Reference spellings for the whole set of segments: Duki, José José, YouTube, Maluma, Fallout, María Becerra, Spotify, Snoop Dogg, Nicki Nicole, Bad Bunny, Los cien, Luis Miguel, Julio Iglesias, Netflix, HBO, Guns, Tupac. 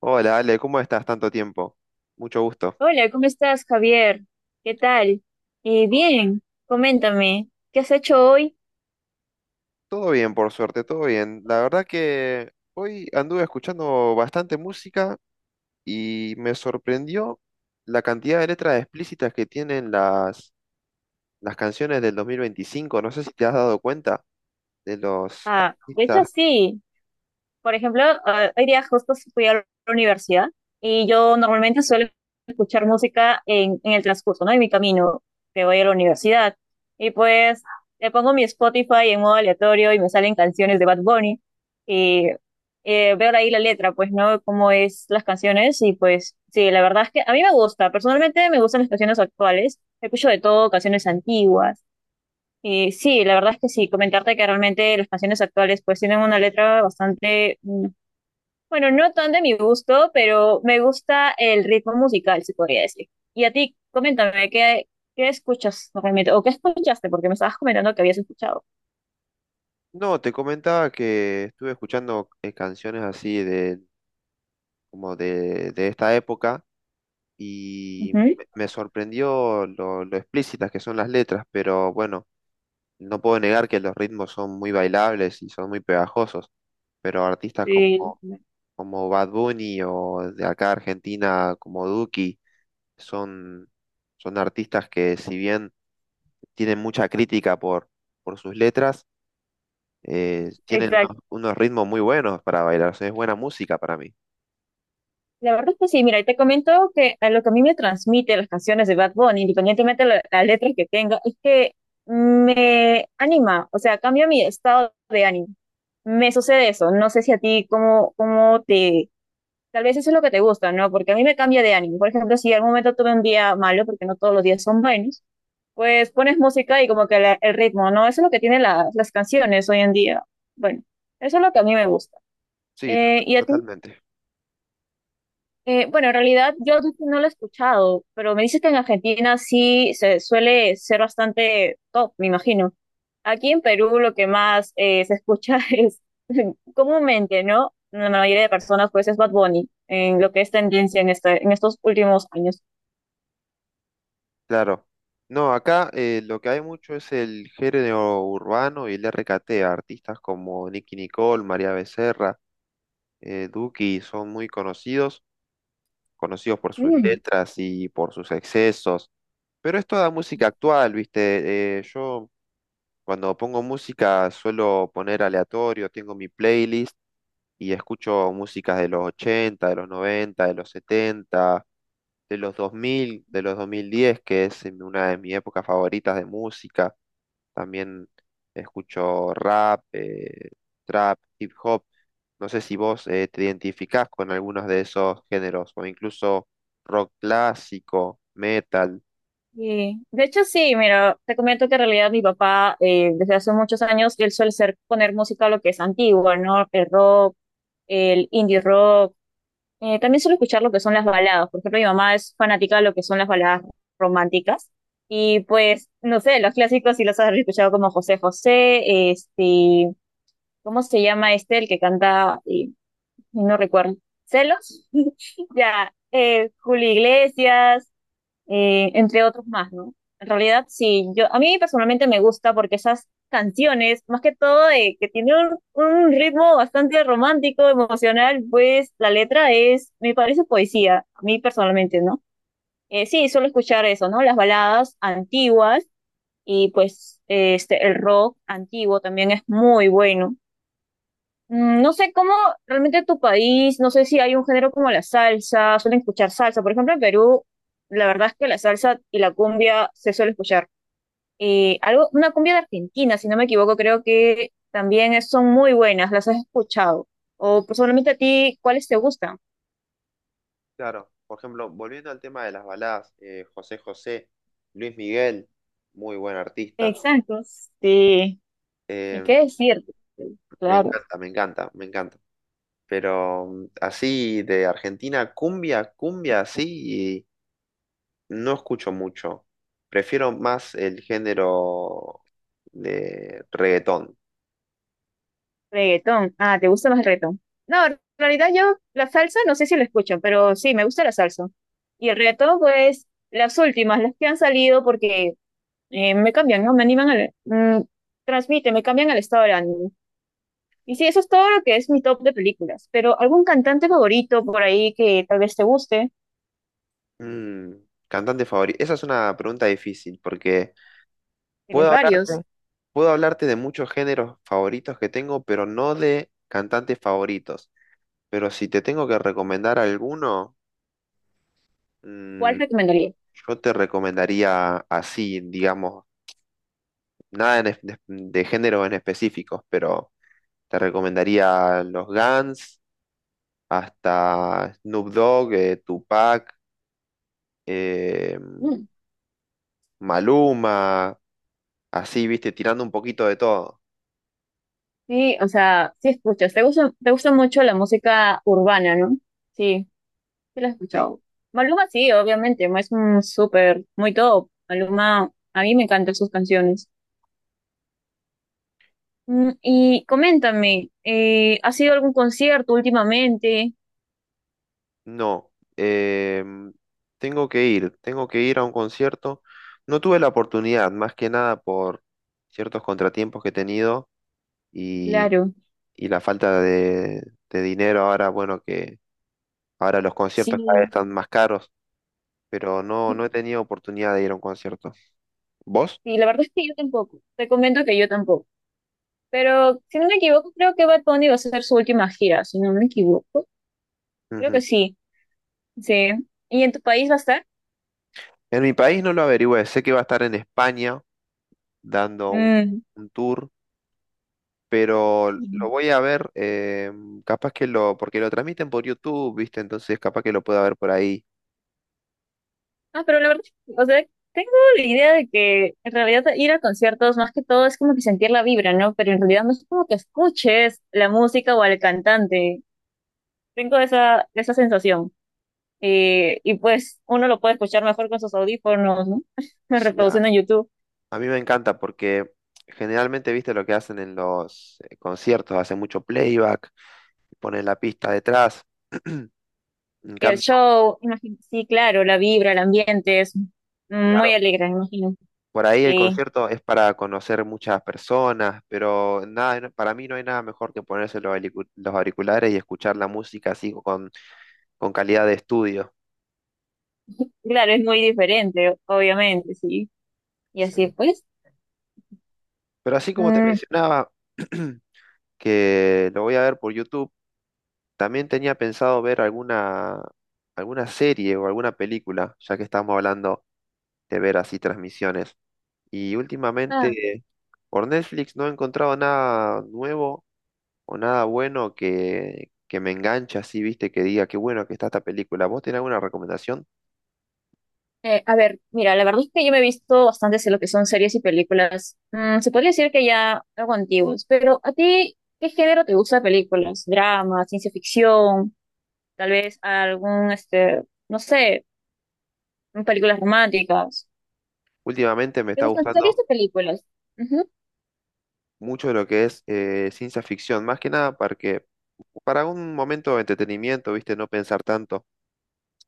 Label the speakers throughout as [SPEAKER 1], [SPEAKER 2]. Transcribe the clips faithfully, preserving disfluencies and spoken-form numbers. [SPEAKER 1] Hola, Ale, ¿cómo estás? Tanto tiempo. Mucho gusto.
[SPEAKER 2] Hola, ¿cómo estás, Javier? ¿Qué tal? Eh, bien, coméntame, ¿qué has hecho hoy?
[SPEAKER 1] Todo bien, por suerte, todo bien. La verdad que hoy anduve escuchando bastante música y me sorprendió la cantidad de letras explícitas que tienen las, las canciones del dos mil veinticinco. No sé si te has dado cuenta de los
[SPEAKER 2] Ah, de hecho
[SPEAKER 1] artistas.
[SPEAKER 2] sí. Por ejemplo, eh, hoy día justo fui a la universidad y yo normalmente suelo escuchar música en, en el transcurso, ¿no? En mi camino que voy a la universidad. Y pues le pongo mi Spotify en modo aleatorio y me salen canciones de Bad Bunny. Y eh, veo ahí la letra, pues, ¿no? Cómo es las canciones y pues sí, la verdad es que a mí me gusta, personalmente me gustan las canciones actuales, escucho de todo, canciones antiguas. Y sí, la verdad es que sí, comentarte que realmente las canciones actuales pues tienen una letra bastante mm, bueno, no tan de mi gusto, pero me gusta el ritmo musical, se podría decir. Y a ti, coméntame, ¿qué, ¿qué escuchas realmente? ¿O qué escuchaste? Porque me estabas comentando que habías escuchado.
[SPEAKER 1] No, te comentaba que estuve escuchando eh, canciones así de, como de, de esta época y
[SPEAKER 2] Ujú.
[SPEAKER 1] me me sorprendió lo, lo explícitas que son las letras, pero bueno. No puedo negar que los ritmos son muy bailables y son muy pegajosos, pero artistas como,
[SPEAKER 2] Sí.
[SPEAKER 1] como Bad Bunny o de acá Argentina como Duki son, son artistas que si bien tienen mucha crítica por, por sus letras, eh, tienen
[SPEAKER 2] Exacto.
[SPEAKER 1] unos, unos ritmos muy buenos para bailar, o sea, es buena música para mí.
[SPEAKER 2] La verdad es que sí, mira, y te comento que a lo que a mí me transmite las canciones de Bad Bunny, independientemente de la, la letra que tenga, es que me anima, o sea, cambia mi estado de ánimo. Me sucede eso. No sé si a ti cómo, cómo te. Tal vez eso es lo que te gusta, ¿no? Porque a mí me cambia de ánimo. Por ejemplo, si al momento tuve un día malo, porque no todos los días son buenos, pues pones música y como que la- el ritmo, ¿no? Eso es lo que tienen la- las canciones hoy en día. Bueno, eso es lo que a mí me gusta.
[SPEAKER 1] Sí, to-
[SPEAKER 2] Eh, ¿y a ti
[SPEAKER 1] totalmente.
[SPEAKER 2] eh, bueno, en realidad yo no lo he escuchado, pero me dices que en Argentina sí se suele ser bastante top, me imagino. Aquí en Perú lo que más eh, se escucha es comúnmente, ¿no? La mayoría de personas pues es Bad Bunny, en lo que es tendencia en este, en estos últimos años.
[SPEAKER 1] Claro. No, acá eh, lo que hay mucho es el género urbano y el R K T, artistas como Nicki Nicole, María Becerra. eh, Duki son muy conocidos, conocidos por sus
[SPEAKER 2] Mm,
[SPEAKER 1] letras y por sus excesos, pero es toda música actual, ¿viste? Eh, yo cuando pongo música suelo poner aleatorio, tengo mi playlist y escucho músicas de los ochenta, de los noventa, de los setenta de los dos mil, de los dos mil diez, que es en una de mis épocas favoritas de música. También escucho rap, eh, trap, hip hop. No sé si vos eh, te identificás con algunos de esos géneros, o incluso rock clásico, metal.
[SPEAKER 2] sí. De hecho sí, mira, te comento que en realidad mi papá eh, desde hace muchos años él suele ser poner música lo que es antigua, ¿no? El rock, el indie rock. Eh, también suelo escuchar lo que son las baladas. Por ejemplo, mi mamá es fanática de lo que son las baladas románticas. Y pues, no sé, los clásicos sí los has escuchado como José José, este, ¿cómo se llama este el que canta? Y no recuerdo. ¿Celos? Ya, eh, Julio Iglesias, eh, entre otros más, ¿no? En realidad, sí, yo, a mí personalmente me gusta porque esas canciones, más que todo, eh, que tiene un, un ritmo bastante romántico, emocional, pues la letra es, me parece poesía, a mí personalmente, ¿no? Eh, sí, suelo escuchar eso, ¿no? Las baladas antiguas y pues eh, este, el rock antiguo también es muy bueno. Mm, no sé cómo realmente tu país, no sé si hay un género como la salsa, suelen escuchar salsa. Por ejemplo, en Perú, la verdad es que la salsa y la cumbia se suele escuchar. Eh, algo, una cumbia de Argentina, si no me equivoco, creo que también es- son muy buenas, las has escuchado. O personalmente a ti, ¿cuáles te gustan?
[SPEAKER 1] Claro, por ejemplo, volviendo al tema de las baladas, eh, José José, Luis Miguel, muy buen artista.
[SPEAKER 2] Exacto, sí. ¿Y
[SPEAKER 1] Eh,
[SPEAKER 2] qué decirte?
[SPEAKER 1] me
[SPEAKER 2] Claro.
[SPEAKER 1] encanta, me encanta, me encanta. Pero mm, así de Argentina, cumbia, cumbia, así, no escucho mucho. Prefiero más el género de reggaetón.
[SPEAKER 2] Reggaetón. Ah, ¿te gusta más el reggaetón? No, en realidad yo la salsa no sé si la escucho, pero sí, me gusta la salsa. Y el reggaetón, pues, las últimas, las que han salido porque eh, me cambian, ¿no? Me animan al... mm, transmite, me cambian al estado de ánimo. Y sí, eso es todo lo que es mi top de películas. Pero algún cantante favorito por ahí que tal vez te guste,
[SPEAKER 1] Mm, cantante favorito. Esa es una pregunta difícil porque
[SPEAKER 2] tienes
[SPEAKER 1] puedo hablarte,
[SPEAKER 2] varios,
[SPEAKER 1] puedo hablarte de muchos géneros favoritos que tengo, pero no de cantantes favoritos. Pero si te tengo que recomendar alguno, mm,
[SPEAKER 2] ¿cuál recomendarías?
[SPEAKER 1] yo te recomendaría así, digamos, nada en es- de, de género en específicos, pero te recomendaría los Guns, hasta Snoop Dogg, eh, Tupac, eh,
[SPEAKER 2] Mm,
[SPEAKER 1] Maluma, así, viste, tirando un poquito de todo.
[SPEAKER 2] sí, o sea, sí escuchas. Te gusta, te gusta mucho la música urbana, ¿no? Sí. Sí lo he
[SPEAKER 1] Sí.
[SPEAKER 2] escuchado. Maluma sí, obviamente, es un súper, muy top. Maluma, a mí me encantan sus canciones. Mm, y coméntame, eh, ¿has ido a algún concierto últimamente?
[SPEAKER 1] No, em, tengo que ir, tengo que ir a un concierto. No tuve la oportunidad, más que nada por ciertos contratiempos que he tenido y,
[SPEAKER 2] Claro,
[SPEAKER 1] y la falta de, de dinero ahora, bueno, que ahora los conciertos cada vez
[SPEAKER 2] sí.
[SPEAKER 1] están más caros, pero no, no
[SPEAKER 2] Sí,
[SPEAKER 1] he tenido oportunidad de ir a un concierto. ¿Vos?
[SPEAKER 2] la verdad es que yo tampoco. Te comento que yo tampoco. Pero si no me equivoco, creo que Bad Bunny va a hacer su última gira, si no me equivoco. Creo
[SPEAKER 1] Ujú.
[SPEAKER 2] que sí, sí. ¿Y en tu país va a estar?
[SPEAKER 1] En mi país no lo averigüé, sé que va a estar en España dando un,
[SPEAKER 2] Mm.
[SPEAKER 1] un tour, pero lo voy a ver, eh, capaz que lo, porque lo transmiten por YouTube, ¿viste? Entonces capaz que lo pueda ver por ahí.
[SPEAKER 2] Ah, pero la verdad, o sea, tengo la idea de que en realidad ir a conciertos más que todo es como que sentir la vibra, ¿no? Pero en realidad no es como que escuches la música o al cantante. Tengo esa, esa sensación. Eh, y pues uno lo puede escuchar mejor con sus audífonos, ¿no?
[SPEAKER 1] Sí, a,
[SPEAKER 2] Reproduciendo en YouTube.
[SPEAKER 1] a mí me encanta porque generalmente, ¿viste lo que hacen en los eh, conciertos? Hacen mucho playback, ponen la pista detrás. En
[SPEAKER 2] El
[SPEAKER 1] cambio,
[SPEAKER 2] show, imagino, sí, claro, la vibra, el ambiente es muy
[SPEAKER 1] claro,
[SPEAKER 2] alegre, me imagino.
[SPEAKER 1] por ahí el
[SPEAKER 2] Sí,
[SPEAKER 1] concierto es para conocer muchas personas, pero nada, no- para mí no hay nada mejor que ponerse los alicu- los auriculares y escuchar la música así con, con calidad de estudio.
[SPEAKER 2] claro, es muy diferente, obviamente, sí. Y así
[SPEAKER 1] Sí.
[SPEAKER 2] pues.
[SPEAKER 1] Pero así como te
[SPEAKER 2] Mm,
[SPEAKER 1] mencionaba, que lo voy a ver por YouTube, también tenía pensado ver alguna, alguna serie o alguna película, ya que estamos hablando de ver así transmisiones. Y
[SPEAKER 2] ah.
[SPEAKER 1] últimamente por Netflix no he encontrado nada nuevo o nada bueno que, que me enganche así, viste, que diga qué bueno que está esta película. ¿Vos tenés alguna recomendación?
[SPEAKER 2] Eh, a ver, mira, la verdad es que yo me he visto bastantes de lo que son series y películas. Mm, se podría decir que ya algo antiguos, pero ¿a ti qué género te gusta de películas? ¿Drama, ciencia ficción, tal vez algún, este, no sé, películas románticas?
[SPEAKER 1] Últimamente me
[SPEAKER 2] ¿Te
[SPEAKER 1] está
[SPEAKER 2] gustan series
[SPEAKER 1] gustando
[SPEAKER 2] de películas? Ujú.
[SPEAKER 1] mucho lo que es eh, ciencia ficción, más que nada porque para un momento de entretenimiento, viste, no pensar tanto.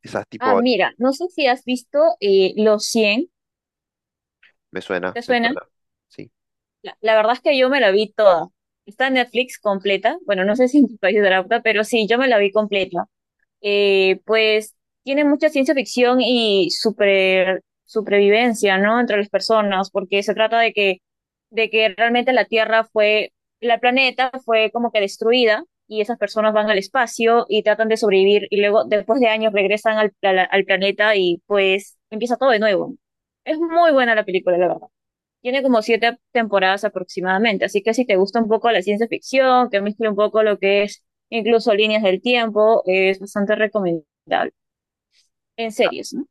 [SPEAKER 1] Esas
[SPEAKER 2] Ah,
[SPEAKER 1] tipo,
[SPEAKER 2] mira, no sé si has visto eh, Los cien.
[SPEAKER 1] me suena,
[SPEAKER 2] ¿Te
[SPEAKER 1] me
[SPEAKER 2] suena?
[SPEAKER 1] suena. Sí.
[SPEAKER 2] La, la verdad es que yo me la vi toda. Está en Netflix completa. Bueno, no sé si en tu país es de la puta, pero sí, yo me la vi completa. Eh, pues tiene mucha ciencia ficción y super, supervivencia, ¿no? Entre las personas, porque se trata de que, de que realmente la Tierra fue, la planeta fue como que destruida y esas personas van al espacio y tratan de sobrevivir y luego después de años regresan al, a la- al planeta y pues empieza todo de nuevo. Es muy buena la película, la verdad. Tiene como siete temporadas aproximadamente, así que si te gusta un poco la ciencia ficción, que mezcla un poco lo que es incluso líneas del tiempo, es bastante recomendable. En series, ¿no?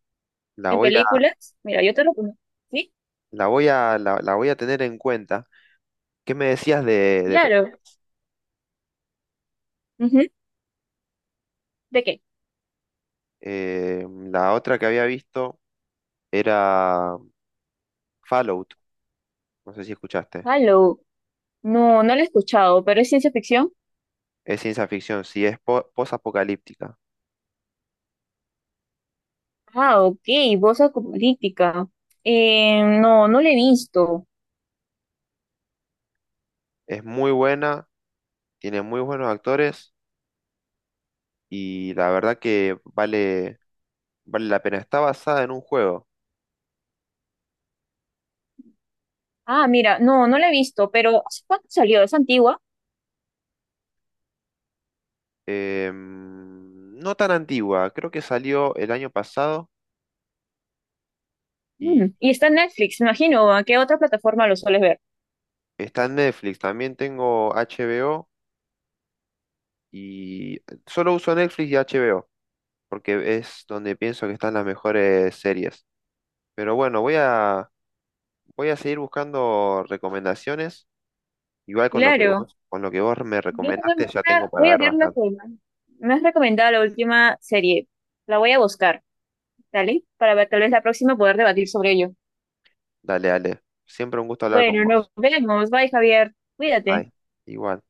[SPEAKER 1] La
[SPEAKER 2] En
[SPEAKER 1] voy a,
[SPEAKER 2] películas, mira, yo te lo pongo. ¿Sí?
[SPEAKER 1] la voy a, la, la voy a tener en cuenta. ¿Qué me decías de, de pe-
[SPEAKER 2] Claro. Ujú. ¿De qué?
[SPEAKER 1] eh, la otra que había visto era Fallout? No sé si escuchaste.
[SPEAKER 2] Halo. No, no lo he escuchado, pero es ciencia ficción.
[SPEAKER 1] Es ciencia ficción, sí, es po- post-apocalíptica.
[SPEAKER 2] Ah, ok, voz política. Eh, no, no la he visto.
[SPEAKER 1] Es muy buena, tiene muy buenos actores y la verdad que vale, vale la pena. Está basada en un juego,
[SPEAKER 2] Ah, mira, no, no la he visto, pero ¿hace cuánto salió? ¿Es antigua?
[SPEAKER 1] em, no tan antigua, creo que salió el año pasado y
[SPEAKER 2] Mm, y está en Netflix, me imagino. ¿A qué otra plataforma lo sueles ver?
[SPEAKER 1] está en Netflix. También tengo H B O y solo uso Netflix y H B O porque es donde pienso que están las mejores series. Pero bueno, voy a, voy a seguir buscando recomendaciones. Igual con lo que
[SPEAKER 2] Claro.
[SPEAKER 1] vos, con lo que vos me
[SPEAKER 2] Yo también
[SPEAKER 1] recomendaste, ya
[SPEAKER 2] voy
[SPEAKER 1] tengo
[SPEAKER 2] a,
[SPEAKER 1] para
[SPEAKER 2] voy a
[SPEAKER 1] ver
[SPEAKER 2] ver la
[SPEAKER 1] bastante.
[SPEAKER 2] que me has recomendado la última serie. La voy a buscar, ¿vale? Para ver, tal vez la próxima poder debatir sobre ello.
[SPEAKER 1] Dale, dale. Siempre un gusto hablar con
[SPEAKER 2] Bueno, nos
[SPEAKER 1] vos.
[SPEAKER 2] vemos. Bye, Javier. Cuídate.
[SPEAKER 1] Bye. Igual.